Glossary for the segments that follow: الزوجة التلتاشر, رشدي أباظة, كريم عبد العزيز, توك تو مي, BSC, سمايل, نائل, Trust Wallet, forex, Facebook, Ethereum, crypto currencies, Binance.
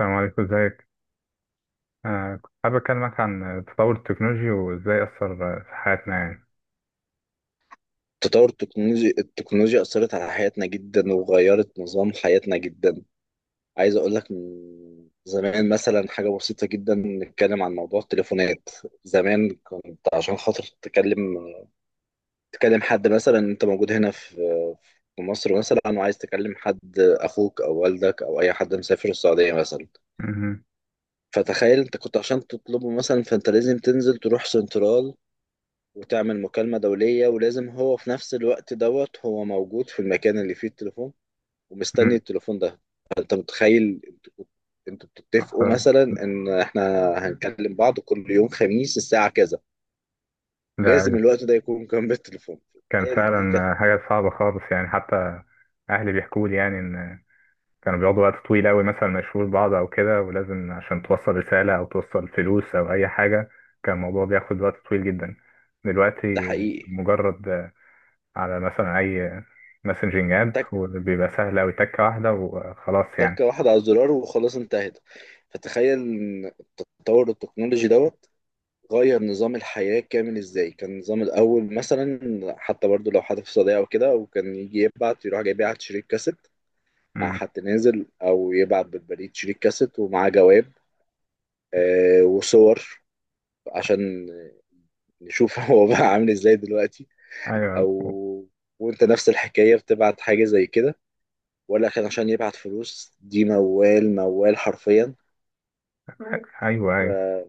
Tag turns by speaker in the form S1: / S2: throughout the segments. S1: السلام عليكم، ازيك؟ كنت حابب اكلمك عن تطور التكنولوجيا وازاي اثر في حياتنا يعني.
S2: تطور التكنولوجيا أثرت على حياتنا جدا، وغيرت نظام حياتنا جدا. عايز أقول لك من زمان، مثلا حاجة بسيطة جدا، نتكلم عن موضوع التليفونات. زمان كنت عشان خاطر تتكلم، تكلم حد مثلا، أنت موجود هنا في مصر مثلا، وعايز تكلم حد، أخوك أو والدك أو أي حد مسافر السعودية مثلا.
S1: مهم.
S2: فتخيل أنت كنت عشان تطلبه مثلا، فأنت لازم تنزل تروح سنترال، وتعمل مكالمة دولية، ولازم هو في نفس الوقت دوت هو موجود في المكان اللي فيه التليفون ومستني
S1: مم.
S2: التليفون ده. فانت متخيل انتوا بتتفقوا مثلا ان احنا هنكلم بعض كل يوم خميس الساعه كذا، لازم
S1: ده
S2: الوقت ده يكون جنب التليفون.
S1: كان
S2: تخيل، دي
S1: فعلا
S2: كانت.
S1: حاجه صعبه خالص يعني، حتى اهلي بيحكوا لي يعني ان كانوا بيقعدوا وقت طويل قوي مثلا ما يشوفوش بعض او كده، ولازم عشان توصل رساله او توصل فلوس او اي حاجه كان الموضوع بياخد وقت طويل جدا.
S2: ده
S1: دلوقتي
S2: حقيقي.
S1: مجرد على مثلا اي مسنجنج اب،
S2: تك
S1: وبيبقى سهل قوي، تكه واحده وخلاص يعني.
S2: تكه واحده على الزرار وخلاص انتهت. فتخيل ان التطور التكنولوجي دوت غير نظام الحياه كامل. ازاي كان النظام الاول مثلا؟ حتى برضو لو حد في صداقه او كده، وكان يجي يبعت، يروح جاي يبعت شريط كاسيت مع
S1: مم.
S2: حد نازل، او يبعت بالبريد شريط كاسيت ومعاه جواب، وصور، عشان نشوف هو بقى عامل ازاي دلوقتي.
S1: ايوه،
S2: او وانت نفس الحكاية بتبعت حاجة زي كده، ولا كان عشان يبعت فلوس، دي موال موال حرفيا.
S1: ايوه، ايوه.
S2: ف-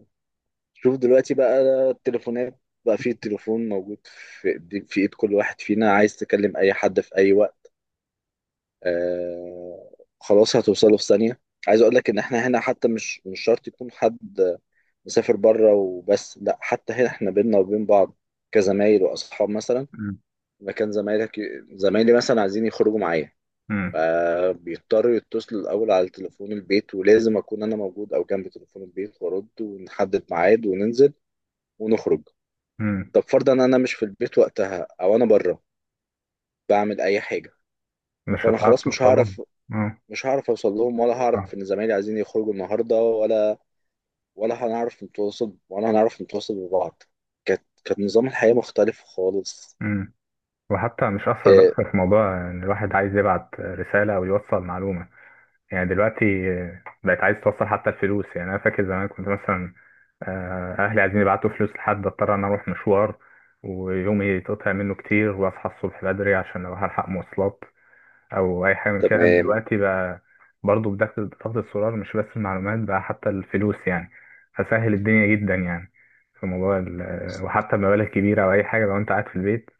S2: شوف دلوقتي بقى. التليفونات بقى، فيه التليفون موجود في ايد كل واحد فينا. عايز تكلم اي حد في اي وقت، آه خلاص هتوصله في ثانية. عايز اقول لك ان احنا هنا حتى مش شرط يكون حد مسافر بره وبس، لا، حتى هنا احنا بينا وبين بعض، كزمايل واصحاب مثلا.
S1: مم.
S2: مكان زمايلك زمايلي مثلا عايزين يخرجوا معايا،
S1: مم.
S2: فبيضطروا يتصلوا الاول على تليفون البيت، ولازم اكون انا موجود او جنب تليفون البيت وارد، ونحدد ميعاد وننزل ونخرج.
S1: مم.
S2: طب فرضا انا مش في البيت وقتها، او انا بره بعمل اي حاجة،
S1: مش
S2: فانا
S1: هتعرف
S2: خلاص
S1: توصلهم. اه.
S2: مش هعرف اوصل لهم، ولا
S1: صح.
S2: هعرف ان زمايلي عايزين يخرجوا النهارده، ولا هنعرف نتواصل ببعض. كانت نظام الحياه مختلف خالص.
S1: مم. وحتى مش أثر بس
S2: إيه.
S1: في موضوع إن الواحد عايز يبعت رسالة أو يوصل معلومة يعني. دلوقتي بقت عايز توصل حتى الفلوس يعني، أنا فاكر زمان كنت مثلا، أهلي عايزين يبعتوا فلوس لحد، أضطر أنا أروح مشوار، ويومي يتقطع منه كتير، وأصحى الصبح بدري عشان أروح ألحق مواصلات او اي حاجه من كده.
S2: تمام.
S1: دلوقتي بقى برضه بدخل ضغط السولار، مش بس المعلومات بقى حتى الفلوس يعني، فسهل الدنيا جدا يعني، في موضوع وحتى بمبالغ كبيره او اي حاجه. لو انت قاعد في البيت،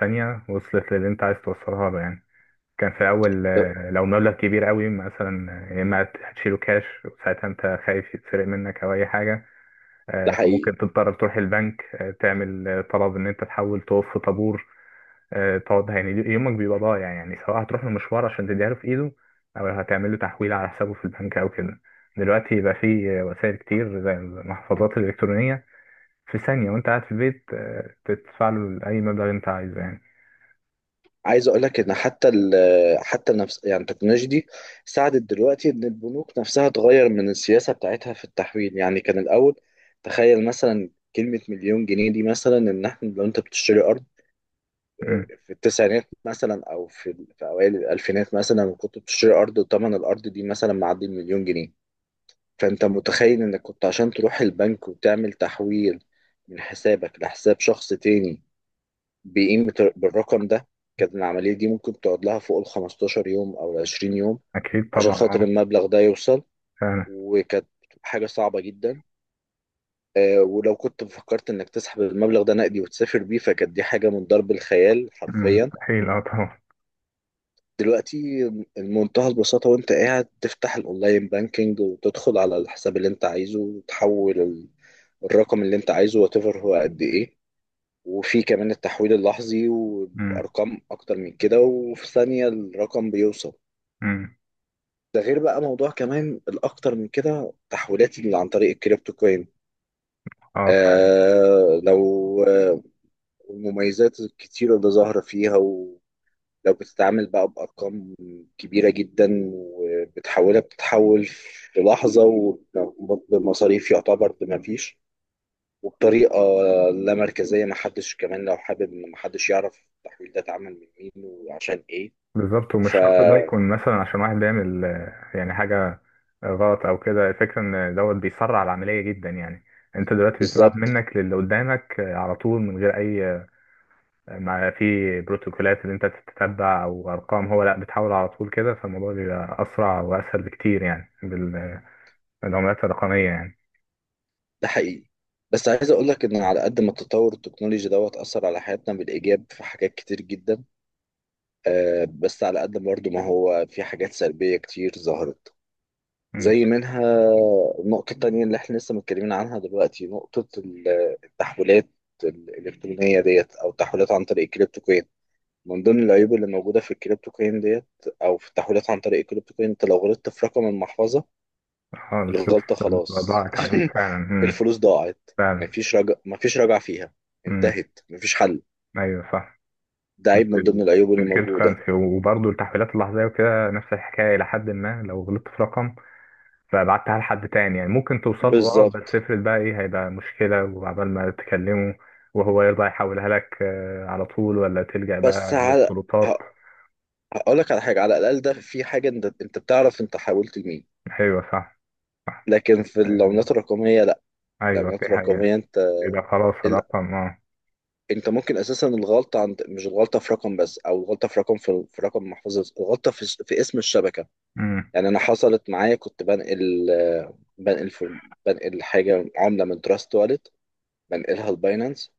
S1: ثانيه وصلت للي انت عايز توصلها له يعني. كان في الاول
S2: ده.
S1: لو مبلغ كبير قوي مثلا، يا اما هتشيله كاش وساعتها انت خايف يتسرق منك او اي حاجه،
S2: ده حقيقي.
S1: فممكن تضطر تروح البنك، تعمل طلب ان انت تحول، تقف في طابور، تقعد يعني يومك بيبقى ضايع يعني، سواء هتروح له مشوار عشان تديها له في ايده، او هتعمل له تحويل على حسابه في البنك او كده. دلوقتي بقى في وسائل كتير زي المحفظات الالكترونيه، في ثانيه وانت قاعد في البيت تدفع له اي مبلغ انت عايزه يعني.
S2: عايز اقول لك ان حتى حتى نفس يعني التكنولوجيا دي ساعدت دلوقتي ان البنوك نفسها تغير من السياسه بتاعتها في التحويل. يعني كان الاول، تخيل مثلا، كلمه مليون جنيه دي مثلا، ان احنا لو انت بتشتري
S1: مم.
S2: في التسعينات مثلا، او في اوائل الالفينات مثلا، كنت بتشتري ارض وثمن الارض دي مثلا معدي المليون جنيه. فانت متخيل انك كنت عشان تروح البنك وتعمل تحويل من حسابك لحساب شخص تاني بقيمة بالرقم ده، كانت العملية دي ممكن تقعد لها فوق ال 15 يوم او ال 20 يوم،
S1: اكيد
S2: عشان
S1: طبعا.
S2: خاطر
S1: اه
S2: المبلغ ده يوصل.
S1: فعلا.
S2: وكانت حاجة صعبة جدا. ولو كنت فكرت انك تسحب المبلغ ده نقدي وتسافر بيه، فكانت دي حاجة من ضرب الخيال
S1: مم،
S2: حرفيا.
S1: مستحيل، اه طبعا.
S2: دلوقتي بمنتهى البساطة، وانت قاعد تفتح الاونلاين بانكينج، وتدخل على الحساب اللي انت عايزه، وتحول الرقم اللي انت عايزه، واتيفر هو قد ايه. وفي كمان التحويل اللحظي
S1: مم،
S2: وبأرقام اكتر من كده، وفي ثانية الرقم بيوصل.
S1: مم.
S2: ده غير بقى موضوع كمان الاكتر من كده، تحويلات اللي عن طريق الكريبتو كوين.
S1: اه.
S2: آه لو آه المميزات الكتيرة اللي ظاهرة فيها. لو بتتعامل بقى بأرقام كبيرة جدا وبتحولها، بتتحول في لحظة، وبمصاريف يعتبر بمفيش، وبطريقة لا مركزية. محدش كمان، لو حابب، إن محدش يعرف التحويل ده اتعمل من مين وعشان إيه.
S1: بالظبط، ومش شرط ده
S2: فبالظبط.
S1: يكون مثلا عشان واحد بيعمل يعني حاجة غلط أو كده. الفكرة إن دوت بيسرع العملية جدا يعني. أنت دلوقتي بتبعت منك للي قدامك على طول، من غير أي ما في بروتوكولات اللي أنت تتتبع أو أرقام، هو لأ بتحاول على طول كده، فالموضوع بيبقى أسرع وأسهل بكتير يعني، بالعملات الرقمية يعني.
S2: ده حقيقي. بس عايز اقول لك ان على قد ما التطور التكنولوجي دوت اثر على حياتنا بالايجاب في حاجات كتير جدا، بس على قد برضه ما هو في حاجات سلبيه كتير ظهرت.
S1: مم.
S2: زي منها النقطة التانية اللي احنا لسه متكلمين عنها دلوقتي، نقطة التحويلات الإلكترونية ديت، أو التحويلات عن طريق الكريبتو كوين. من ضمن العيوب اللي موجودة في الكريبتو كوين ديت، أو في التحويلات عن طريق الكريبتو كوين، أنت لو غلطت في رقم المحفظة،
S1: اه الفلوس
S2: الغلطة
S1: بتبقى
S2: خلاص
S1: ضاعت عليك فعلا. مم.
S2: الفلوس ضاعت.
S1: فعلا.
S2: مفيش رجع فيها.
S1: مم.
S2: انتهت. مفيش حل.
S1: أيوه صح.
S2: ده
S1: في
S2: عيب من ضمن العيوب
S1: في
S2: اللي
S1: الكريبتو
S2: موجودة.
S1: كرنسي، وبرضه التحويلات اللحظية وكده نفس الحكاية إلى حد ما. لو غلطت في رقم فبعتها لحد تاني يعني ممكن توصل له، اه بس
S2: بالظبط.
S1: افرض بقى، ايه هيبقى مشكلة وعبال ما تكلمه وهو يرضى يحولها لك على طول، ولا تلجأ
S2: بس
S1: بقى
S2: على،
S1: للسلطات.
S2: هقول لك على حاجة، على الأقل ده في حاجة، أنت بتعرف أنت حاولت لمين.
S1: أيوة صح.
S2: لكن في
S1: آه،
S2: العملات الرقمية لا.
S1: أيوة دي
S2: العملات
S1: حقيقة.
S2: الرقمية، انت
S1: يبقى خلاص
S2: ال-
S1: الرقم اه.
S2: انت ممكن اساسا الغلطة عند، مش الغلطة في رقم بس، او الغلطة في رقم، في رقم محفظة، الغلطة في اسم الشبكة.
S1: أمم.
S2: يعني انا حصلت معايا، كنت بنقل، بنقل في بنقل حاجة، عملة من تراست والت، بنقلها لباينانس،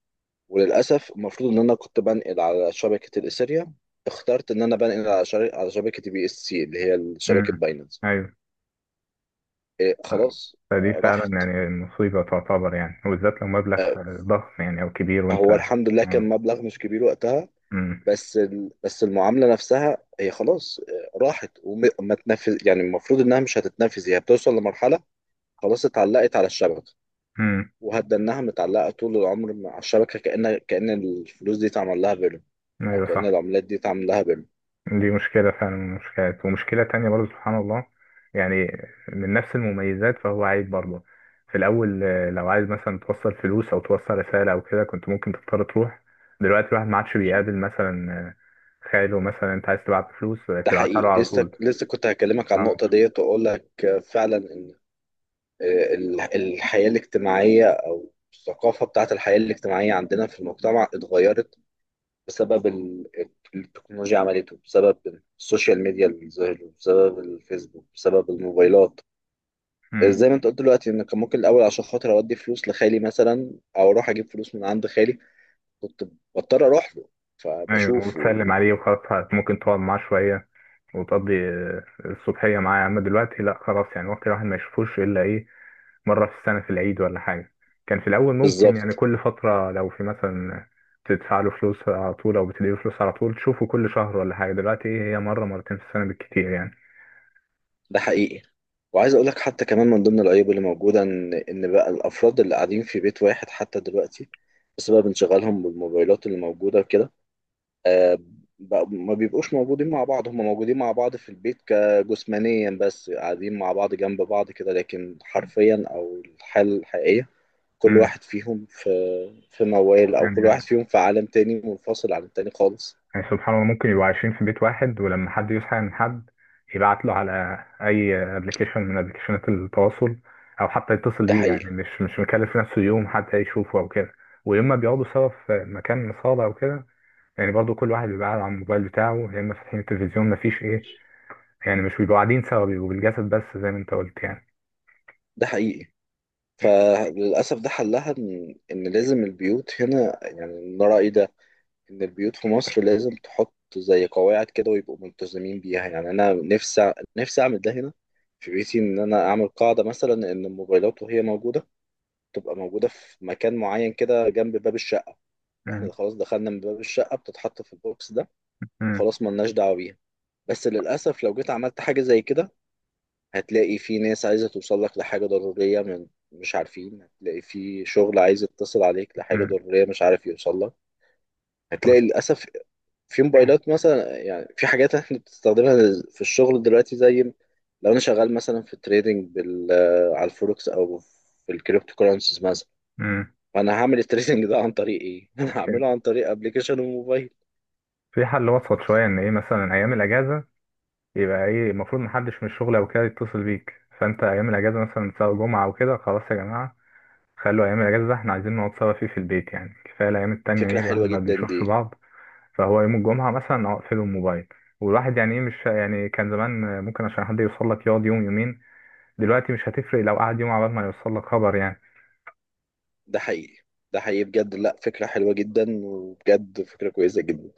S2: وللأسف المفروض ان انا كنت بنقل على شبكة الاثيريا، اخترت ان انا بنقل على على شبكة بي اس سي، اللي هي شبكة
S1: أمم.
S2: باينانس.
S1: أيوة.
S2: إيه، خلاص،
S1: فدي فعلا
S2: راحت.
S1: يعني مصيبة تعتبر يعني، وبالذات لو مبلغ ضخم يعني أو كبير وأنت
S2: هو
S1: اه.
S2: الحمد لله كان مبلغ مش كبير وقتها،
S1: أمم.
S2: بس بس المعامله نفسها هي خلاص راحت. وما تنفذ، يعني المفروض انها مش هتتنفذ، هي بتوصل لمرحله، خلاص اتعلقت على الشبكه،
S1: أمم.
S2: وهتضل انها متعلقه طول العمر مع الشبكه، كأن الفلوس دي اتعمل لها بيرم، او
S1: أيوة
S2: كأن
S1: صح.
S2: العملات دي اتعمل لها بيرم.
S1: دي مشكلة فعلا من المشكلات، ومشكلة تانية برضه سبحان الله يعني، من نفس المميزات فهو عيب برضه. في الأول لو عايز مثلا توصل فلوس أو توصل رسالة أو كده كنت ممكن تضطر تروح، دلوقتي الواحد ما عادش بيقابل مثلا خاله مثلا، أنت عايز تبعت فلوس
S2: ده
S1: تبعتها له
S2: حقيقي.
S1: على
S2: لسه
S1: طول.
S2: لسه كنت هكلمك عن النقطه
S1: آه،
S2: ديت، واقول لك فعلا ان، الحياه الاجتماعيه او الثقافه بتاعت الحياه الاجتماعيه عندنا في المجتمع اتغيرت بسبب التكنولوجيا. عملته بسبب السوشيال ميديا اللي ظهرت، بسبب الفيسبوك، بسبب الموبايلات.
S1: مم.
S2: زي ما انت قلت دلوقتي، ان كان ممكن الاول عشان خاطر اودي فلوس لخالي مثلا، او اروح اجيب فلوس من عند خالي، كنت بضطر اروح له،
S1: أيوه
S2: فبشوفه.
S1: وتسلم عليه وخلاص، ممكن تقعد معاه شوية وتقضي الصبحية معاه. أما دلوقتي لأ خلاص يعني، ممكن الواحد ما يشوفوش إلا إيه، مرة في السنة في العيد ولا حاجة. كان في الأول ممكن يعني
S2: بالظبط.
S1: كل فترة لو في مثلا بتدفع له فلوس على طول أو بتديله فلوس على طول تشوفه كل شهر ولا حاجة، دلوقتي إيه، هي مرة مرتين في السنة بالكتير يعني.
S2: ده حقيقي. وعايز اقول لك حتى كمان من ضمن العيوب اللي موجوده، ان بقى الافراد اللي قاعدين في بيت واحد حتى دلوقتي، بسبب انشغالهم بالموبايلات اللي موجوده كده، آه، ما بيبقوش موجودين مع بعض. هم موجودين مع بعض في البيت كجسمانيا بس، قاعدين مع بعض جنب بعض كده، لكن حرفيا او الحالة الحقيقية كل
S1: امم.
S2: واحد فيهم في موال، او كل
S1: يعني
S2: واحد فيهم في عالم تاني منفصل عن التاني خالص.
S1: يعني سبحان الله، ممكن يبقوا عايشين في بيت واحد، ولما حد يصحى من حد يبعت له على أي أبلكيشن من أبلكيشنات التواصل، أو حتى يتصل
S2: ده
S1: بيه، يعني
S2: حقيقي.
S1: مش مكلف نفسه يوم حتى يشوفه أو كده. وإما بيقعدوا سوا في مكان صالة أو كده، يعني برضو كل واحد بيبقى قاعد على الموبايل بتاعه، يا اما فاتحين التلفزيون مفيش ايه، يعني مش بيبقوا قاعدين سوا، بيبقوا بالجسد بس زي ما انت قلت يعني.
S2: ده حقيقي. فللأسف ده حلها، إن لازم البيوت هنا، يعني من رأيي ده، ان البيوت في مصر لازم تحط زي قواعد كده ويبقوا ملتزمين بيها. يعني انا نفسي نفسي اعمل ده هنا في بيتي، ان انا اعمل قاعده مثلا ان الموبايلات وهي موجوده تبقى موجوده في مكان معين كده جنب باب الشقه.
S1: مم.
S2: احنا خلاص دخلنا من باب الشقه، بتتحط في البوكس ده،
S1: مم.
S2: خلاص ملناش دعوه بيها. بس للاسف لو جيت عملت حاجه زي كده، هتلاقي في ناس عايزه توصل لك لحاجه ضروريه، من، مش عارفين، هتلاقي في شغل عايز يتصل عليك لحاجه
S1: مم.
S2: ضروريه، مش عارف يوصل لك. هتلاقي للأسف في
S1: وقتها-
S2: موبايلات مثلا، يعني في حاجات احنا بتستخدمها في الشغل دلوقتي، زي لو انا شغال مثلا في تريدنج بال على الفوركس، او في الكريبتو كورنسيز مثلا،
S1: مم.
S2: فانا هعمل التريدنج ده عن طريق ايه؟ انا هعمله عن طريق ابلكيشن وموبايل.
S1: في حل وسط شوية ان ايه، مثلا ايام الاجازة يبقى ايه المفروض محدش من الشغل او كده يتصل بيك، فانت ايام الاجازة مثلا سواء جمعة او كده، خلاص يا جماعة خلوا ايام الاجازة ده احنا عايزين نقعد سوا فيه في البيت يعني. كفاية الايام التانية
S2: فكرة
S1: يعني الواحد
S2: حلوة
S1: ما
S2: جدا
S1: بيشوفش
S2: دي.
S1: بعض. فهو يوم الجمعة مثلا اقفله الموبايل، والواحد يعني ايه، مش يعني كان زمان ممكن عشان حد يوصل لك يقعد يوم يومين، دلوقتي مش هتفرق لو قعد يوم عبال ما يوصل لك خبر يعني.
S2: ده حقيقي. ده حقيقي بجد، لا، فكرة حلوة جدا، وبجد فكرة كويسة جدا.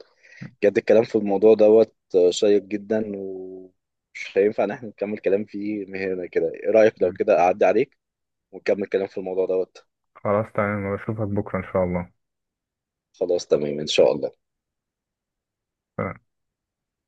S2: بجد الكلام في الموضوع دوت شيق جدا، ومش هينفع ان احنا نكمل كلام فيه من هنا كده. ايه رأيك لو كده اعدي عليك ونكمل كلام في الموضوع دوت؟
S1: خلاص تمام، بشوفك بكرة إن شاء الله.
S2: خلاص تمام إن شاء الله.